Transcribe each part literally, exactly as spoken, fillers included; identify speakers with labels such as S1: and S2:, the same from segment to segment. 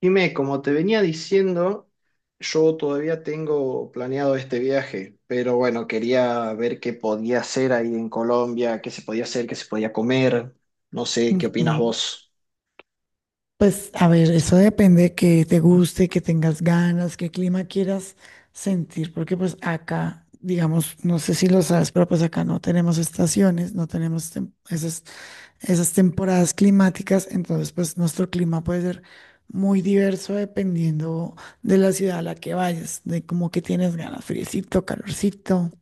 S1: Jimé, como te venía diciendo, yo todavía tengo planeado este viaje, pero bueno, quería ver qué podía hacer ahí en Colombia, qué se podía hacer, qué se podía comer. No sé, ¿qué opinas
S2: Ujú.
S1: vos?
S2: Pues a ver, eso depende de que te guste, que tengas ganas, qué clima quieras sentir, porque pues acá, digamos, no sé si lo sabes, pero pues acá no tenemos estaciones, no tenemos tem- esas, esas temporadas climáticas, entonces pues nuestro clima puede ser muy diverso dependiendo de la ciudad a la que vayas, de como que tienes ganas, friecito, calorcito.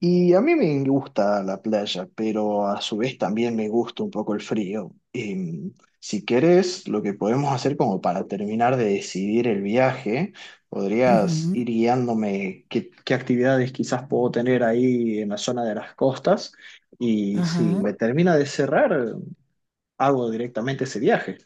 S1: Y a mí me gusta la playa, pero a su vez también me gusta un poco el frío. Em, si querés, lo que podemos hacer como para terminar de decidir el viaje, podrías
S2: Ujú,
S1: ir guiándome qué, qué actividades quizás puedo tener ahí en la zona de las costas. Y si
S2: ajá.
S1: me termina de cerrar, hago directamente ese viaje.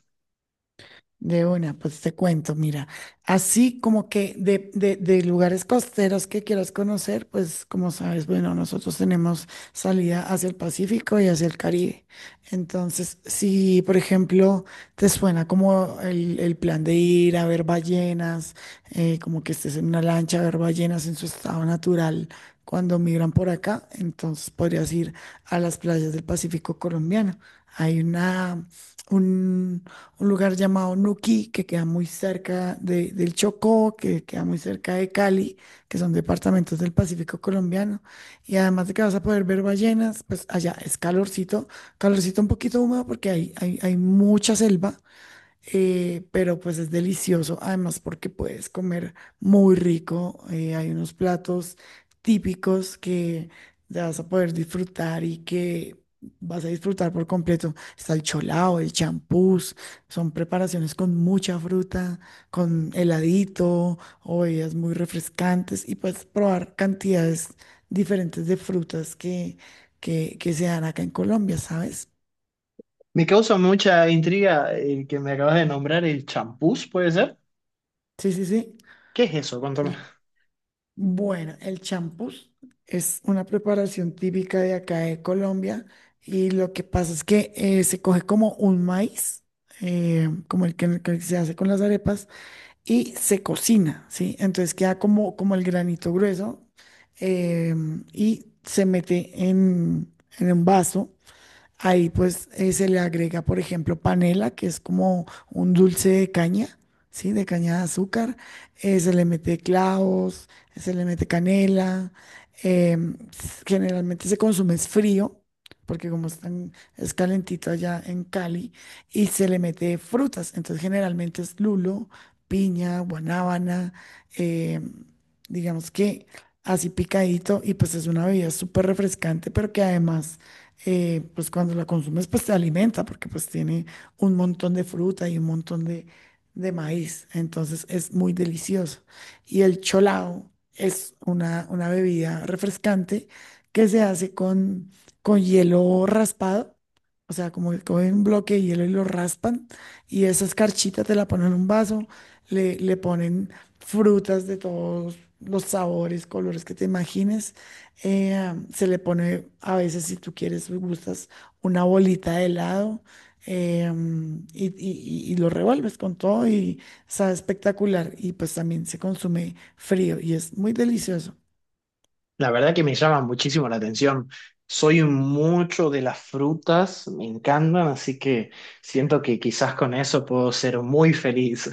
S2: De una, pues te cuento, mira, así como que de, de, de lugares costeros que quieras conocer, pues como sabes, bueno, nosotros tenemos salida hacia el Pacífico y hacia el Caribe. Entonces, si por ejemplo te suena como el, el plan de ir a ver ballenas, eh, como que estés en una lancha a ver ballenas en su estado natural cuando migran por acá, entonces podrías ir a las playas del Pacífico colombiano. Hay una... Un, un lugar llamado Nuquí, que queda muy cerca de- del Chocó, que queda muy cerca de Cali, que son departamentos del Pacífico colombiano. Y además de que vas a poder ver ballenas, pues allá es calorcito, calorcito un poquito húmedo porque hay, hay, hay mucha selva, eh, pero pues es delicioso, además porque puedes comer muy rico, eh, hay unos platos típicos que ya vas a poder disfrutar y que vas a disfrutar por completo. Está el cholao, el champús, son preparaciones con mucha fruta, con heladito o bebidas muy refrescantes y puedes probar cantidades diferentes de frutas que, que, que se dan acá en Colombia, ¿sabes?
S1: Me causa mucha intriga el que me acabas de nombrar, el champús, ¿puede ser?
S2: Sí, sí, sí.
S1: ¿Qué es eso? Cuéntame.
S2: Bueno, el champús es una preparación típica de acá de Colombia y lo que pasa es que eh, se coge como un maíz, eh, como el que, el que se hace con las arepas, y se cocina, ¿sí? Entonces queda como, como el granito grueso eh, y se mete en, en un vaso. Ahí pues eh, se le agrega, por ejemplo, panela, que es como un dulce de caña, ¿sí? De caña de azúcar. Eh, se le mete clavos, se le mete canela. Em, s- generalmente se consume es frío, porque como están, es calentito allá en Cali, y se le mete frutas. Entonces generalmente es lulo, piña, guanábana, em, digamos que así picadito, y pues es una bebida súper refrescante, pero que además eh, pues cuando la consumes, pues te alimenta, porque pues tiene un montón de fruta y un montón de, de maíz. Entonces es muy delicioso. Y el cholao es una, una bebida refrescante que se hace con, con hielo raspado. O sea, como que cogen un bloque de hielo y lo raspan, y esa escarchita te la ponen en un vaso, le, le ponen frutas de todos los sabores, colores que te imagines, eh, um, se le pone a veces, si tú quieres y gustas, una bolita de helado. eh, um, y, y- y- y lo revuelves con todo y sabe espectacular. Y pues también se consume frío y es muy delicioso.
S1: La verdad que me llama muchísimo la atención. Soy mucho de las frutas, me encantan, así que siento que quizás con eso puedo ser muy feliz.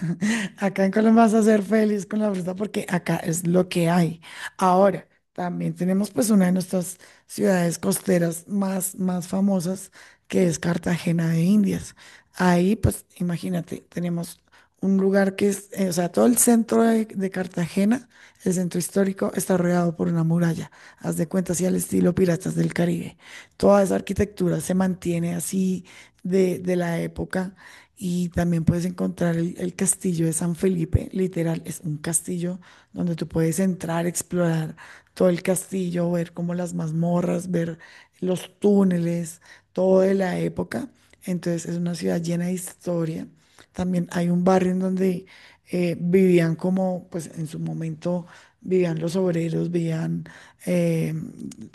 S2: Acá en Colombia vas a ser feliz con la fruta porque acá es lo que hay. Ahora, también tenemos pues una de nuestras ciudades costeras más, más famosas, que es Cartagena de Indias. Ahí, pues imagínate, tenemos un lugar que es, eh, o sea, todo el centro de, de Cartagena, el centro histórico, está rodeado por una muralla. Haz de cuenta, así al estilo Piratas del Caribe. Toda esa arquitectura se mantiene así de, de la época y también puedes encontrar el, el castillo de San Felipe, literal, es un castillo donde tú puedes entrar, explorar todo el castillo, ver como las mazmorras, ver los túneles, todo de la época. Entonces es una ciudad llena de historia. También hay un barrio en donde eh, vivían como, pues en su momento vivían los obreros, vivían eh,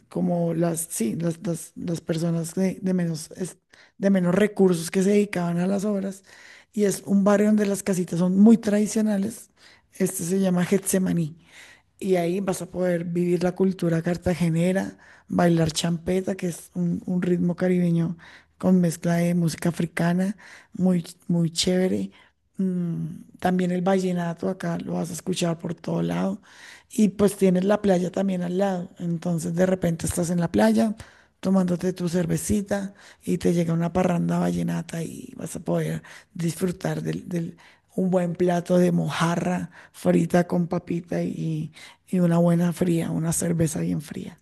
S2: como las, sí, las, las, las personas de, de menos es- de menos recursos que se dedicaban a las obras. Y es un barrio donde las casitas son muy tradicionales. Este se llama Getsemaní. Y ahí vas a poder vivir la cultura cartagenera, bailar champeta, que es un, un ritmo caribeño con mezcla de música africana, muy, muy chévere. Mm, también el vallenato acá lo vas a escuchar por todo lado y pues tienes la playa también al lado. Entonces de repente estás en la playa tomándote tu cervecita y te llega una parranda vallenata y vas a poder disfrutar del, del- un buen plato de mojarra frita con papita y, y una buena fría, una cerveza bien fría.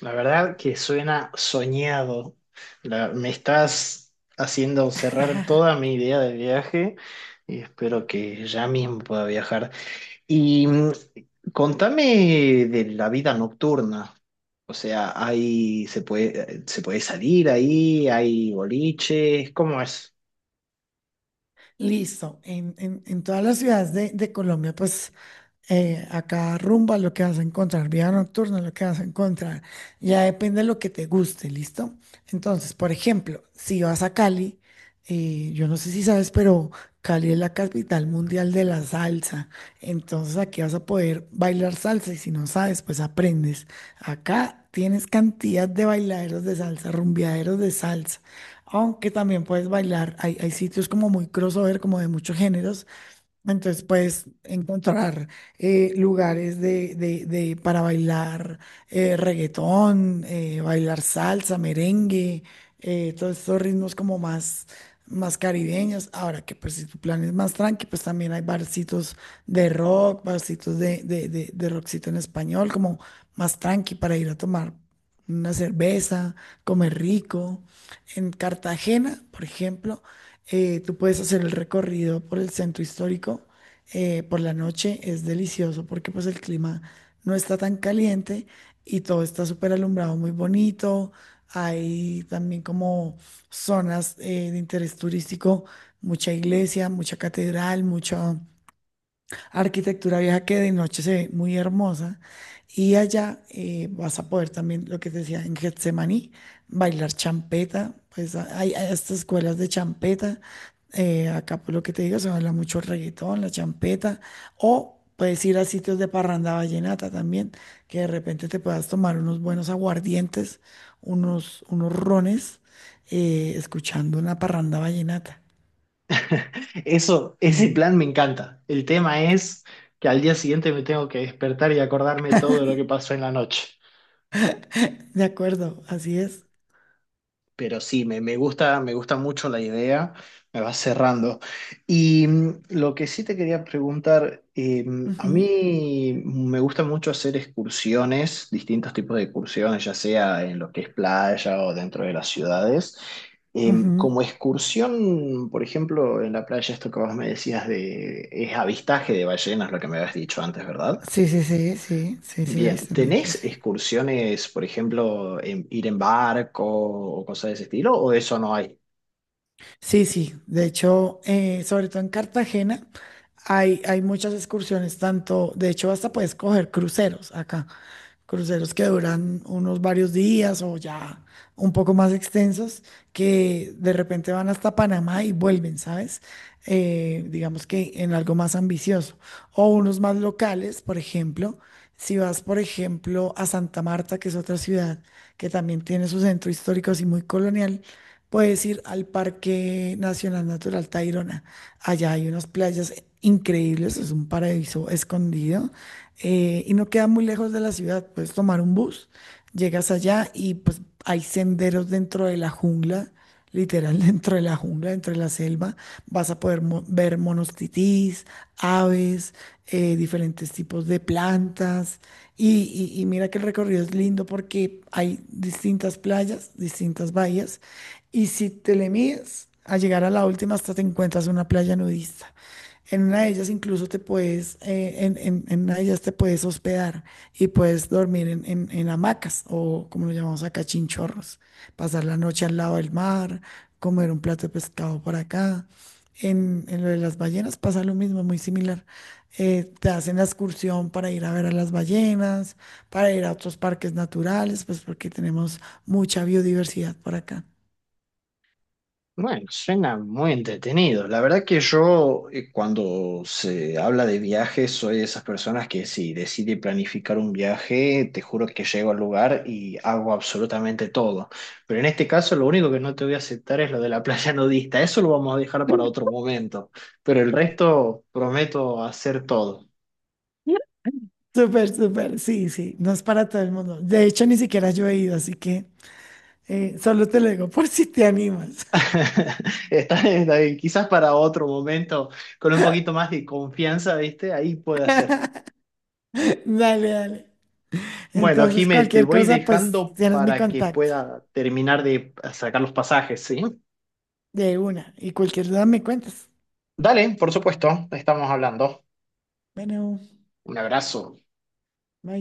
S1: La verdad que suena soñado. La- me estás haciendo cerrar toda mi idea de viaje y espero que ya mismo pueda viajar. Y mm, contame de la vida nocturna. O sea, ahí se puede, se puede salir ahí, hay boliches, ¿cómo es?
S2: Listo. En, en- en todas las ciudades de, de Colombia, pues eh, a rumba lo que vas a encontrar, vida nocturna lo que vas a encontrar, ya depende de lo que te guste, ¿listo? Entonces, por ejemplo, si vas a Cali, eh, yo no sé si sabes, pero Cali es la capital mundial de la salsa. Entonces aquí vas a poder bailar salsa y si no sabes, pues aprendes. Acá tienes cantidad de bailaderos de salsa, rumbeaderos de salsa aunque también puedes bailar. Hay, hay sitios como muy crossover, como de muchos géneros. Entonces puedes encontrar eh, lugares de, de- de- para bailar eh, reggaetón, eh, bailar salsa, merengue, eh, todos estos ritmos como más, más caribeños. Ahora que pues si tu plan es más tranqui, pues también hay barcitos de rock, barcitos de, de, de, de rockcito en español, como más tranqui para ir a tomar una cerveza, comer rico. En Cartagena, por ejemplo, eh, tú puedes hacer el recorrido por el centro histórico eh, por la noche. Es delicioso porque pues el clima no está tan caliente y todo está súper alumbrado, muy bonito. Hay también como zonas eh, de interés turístico, mucha iglesia, mucha catedral, mucho arquitectura vieja que de noche se ve muy hermosa. Y allá eh, vas a poder también, lo que te decía, en Getsemaní, bailar champeta. Pues a- hay, hay estas escuelas de champeta. Eh, acá, por lo que te digo, se baila mucho el reggaetón, la champeta. O puedes ir a sitios de parranda vallenata también, que de repente te puedas tomar unos buenos aguardientes, unos, unos rones, eh, escuchando una parranda vallenata.
S1: Eso, ese
S2: Mm.
S1: plan me encanta. El tema es que al día siguiente me tengo que despertar y acordarme todo lo que pasó en la noche.
S2: De acuerdo, así es.
S1: Pero sí, me, me gusta, me gusta mucho la idea, me va cerrando. Y mm, lo que sí te quería preguntar, eh, mm, a
S2: Ujú.
S1: mí me gusta mucho hacer excursiones, distintos tipos de excursiones, ya sea en lo que es playa o dentro de las ciudades. Em,
S2: Ujú.
S1: como excursión, por ejemplo, en la playa, esto que vos me decías de, es avistaje de ballenas, lo que me habías dicho antes, ¿verdad?
S2: Sí, sí, sí, sí, sí, sí,
S1: Bien,
S2: avistamientos,
S1: ¿tenés
S2: sí.
S1: excursiones, por ejemplo, en- ir en barco o cosas de ese estilo, o eso no hay?
S2: Sí, sí, de hecho, eh, sobre todo en Cartagena, hay, hay muchas excursiones, tanto, de hecho, hasta puedes coger cruceros acá. Cruceros que duran unos varios días o ya un poco más extensos, que de repente van hasta Panamá y vuelven, ¿sabes? Eh, digamos que en algo más ambicioso. O unos más locales, por ejemplo, si vas, por ejemplo, a Santa Marta, que es otra ciudad que también tiene su centro histórico así muy colonial, puedes ir al Parque Nacional Natural Tayrona. Allá hay unas playas increíbles, es un paraíso escondido eh, y no queda muy lejos de la ciudad. Puedes tomar un bus, llegas allá y pues hay senderos dentro de la jungla, literal dentro de la jungla, dentro de la selva. Vas a poder mo- ver monos titís, aves, eh, diferentes tipos de plantas. Y, y y mira que el recorrido es lindo porque hay distintas playas, distintas bahías. Y si te le mides a llegar a la última, hasta te encuentras una playa nudista. En una de ellas incluso te puedes, eh, en, en- en una de ellas te puedes hospedar y puedes dormir en, en- en hamacas o como lo llamamos acá, chinchorros, pasar la noche al lado del mar, comer un plato de pescado por acá. En, en lo de las ballenas pasa lo mismo, muy similar. Eh, te hacen la excursión para ir a ver a las ballenas, para ir a otros parques naturales, pues porque tenemos mucha biodiversidad por acá.
S1: Bueno, suena muy entretenido. La verdad que yo, eh, cuando se habla de viajes, soy de esas personas que si decide planificar un viaje, te juro que llego al lugar y hago absolutamente todo. Pero en este caso, lo único que no te voy a aceptar es lo de la playa nudista. Eso lo vamos a dejar para otro momento. Pero el resto, prometo hacer todo.
S2: Súper, súper, sí, sí, no es para todo el mundo. De hecho, ni siquiera yo he ido, así que... Eh, solo te lo digo por si te animas.
S1: Está bien, está bien. Quizás para otro momento, con un poquito más de confianza, ¿viste? Ahí puede hacer.
S2: Dale, dale.
S1: Bueno,
S2: Entonces,
S1: Jime, te
S2: cualquier
S1: voy
S2: cosa, pues
S1: dejando
S2: tienes mi
S1: para que
S2: contacto
S1: pueda terminar de sacar los pasajes, ¿sí?
S2: de una y cualquier duda me cuentas.
S1: Dale, por supuesto, estamos hablando.
S2: Bueno,
S1: Un abrazo.
S2: bye.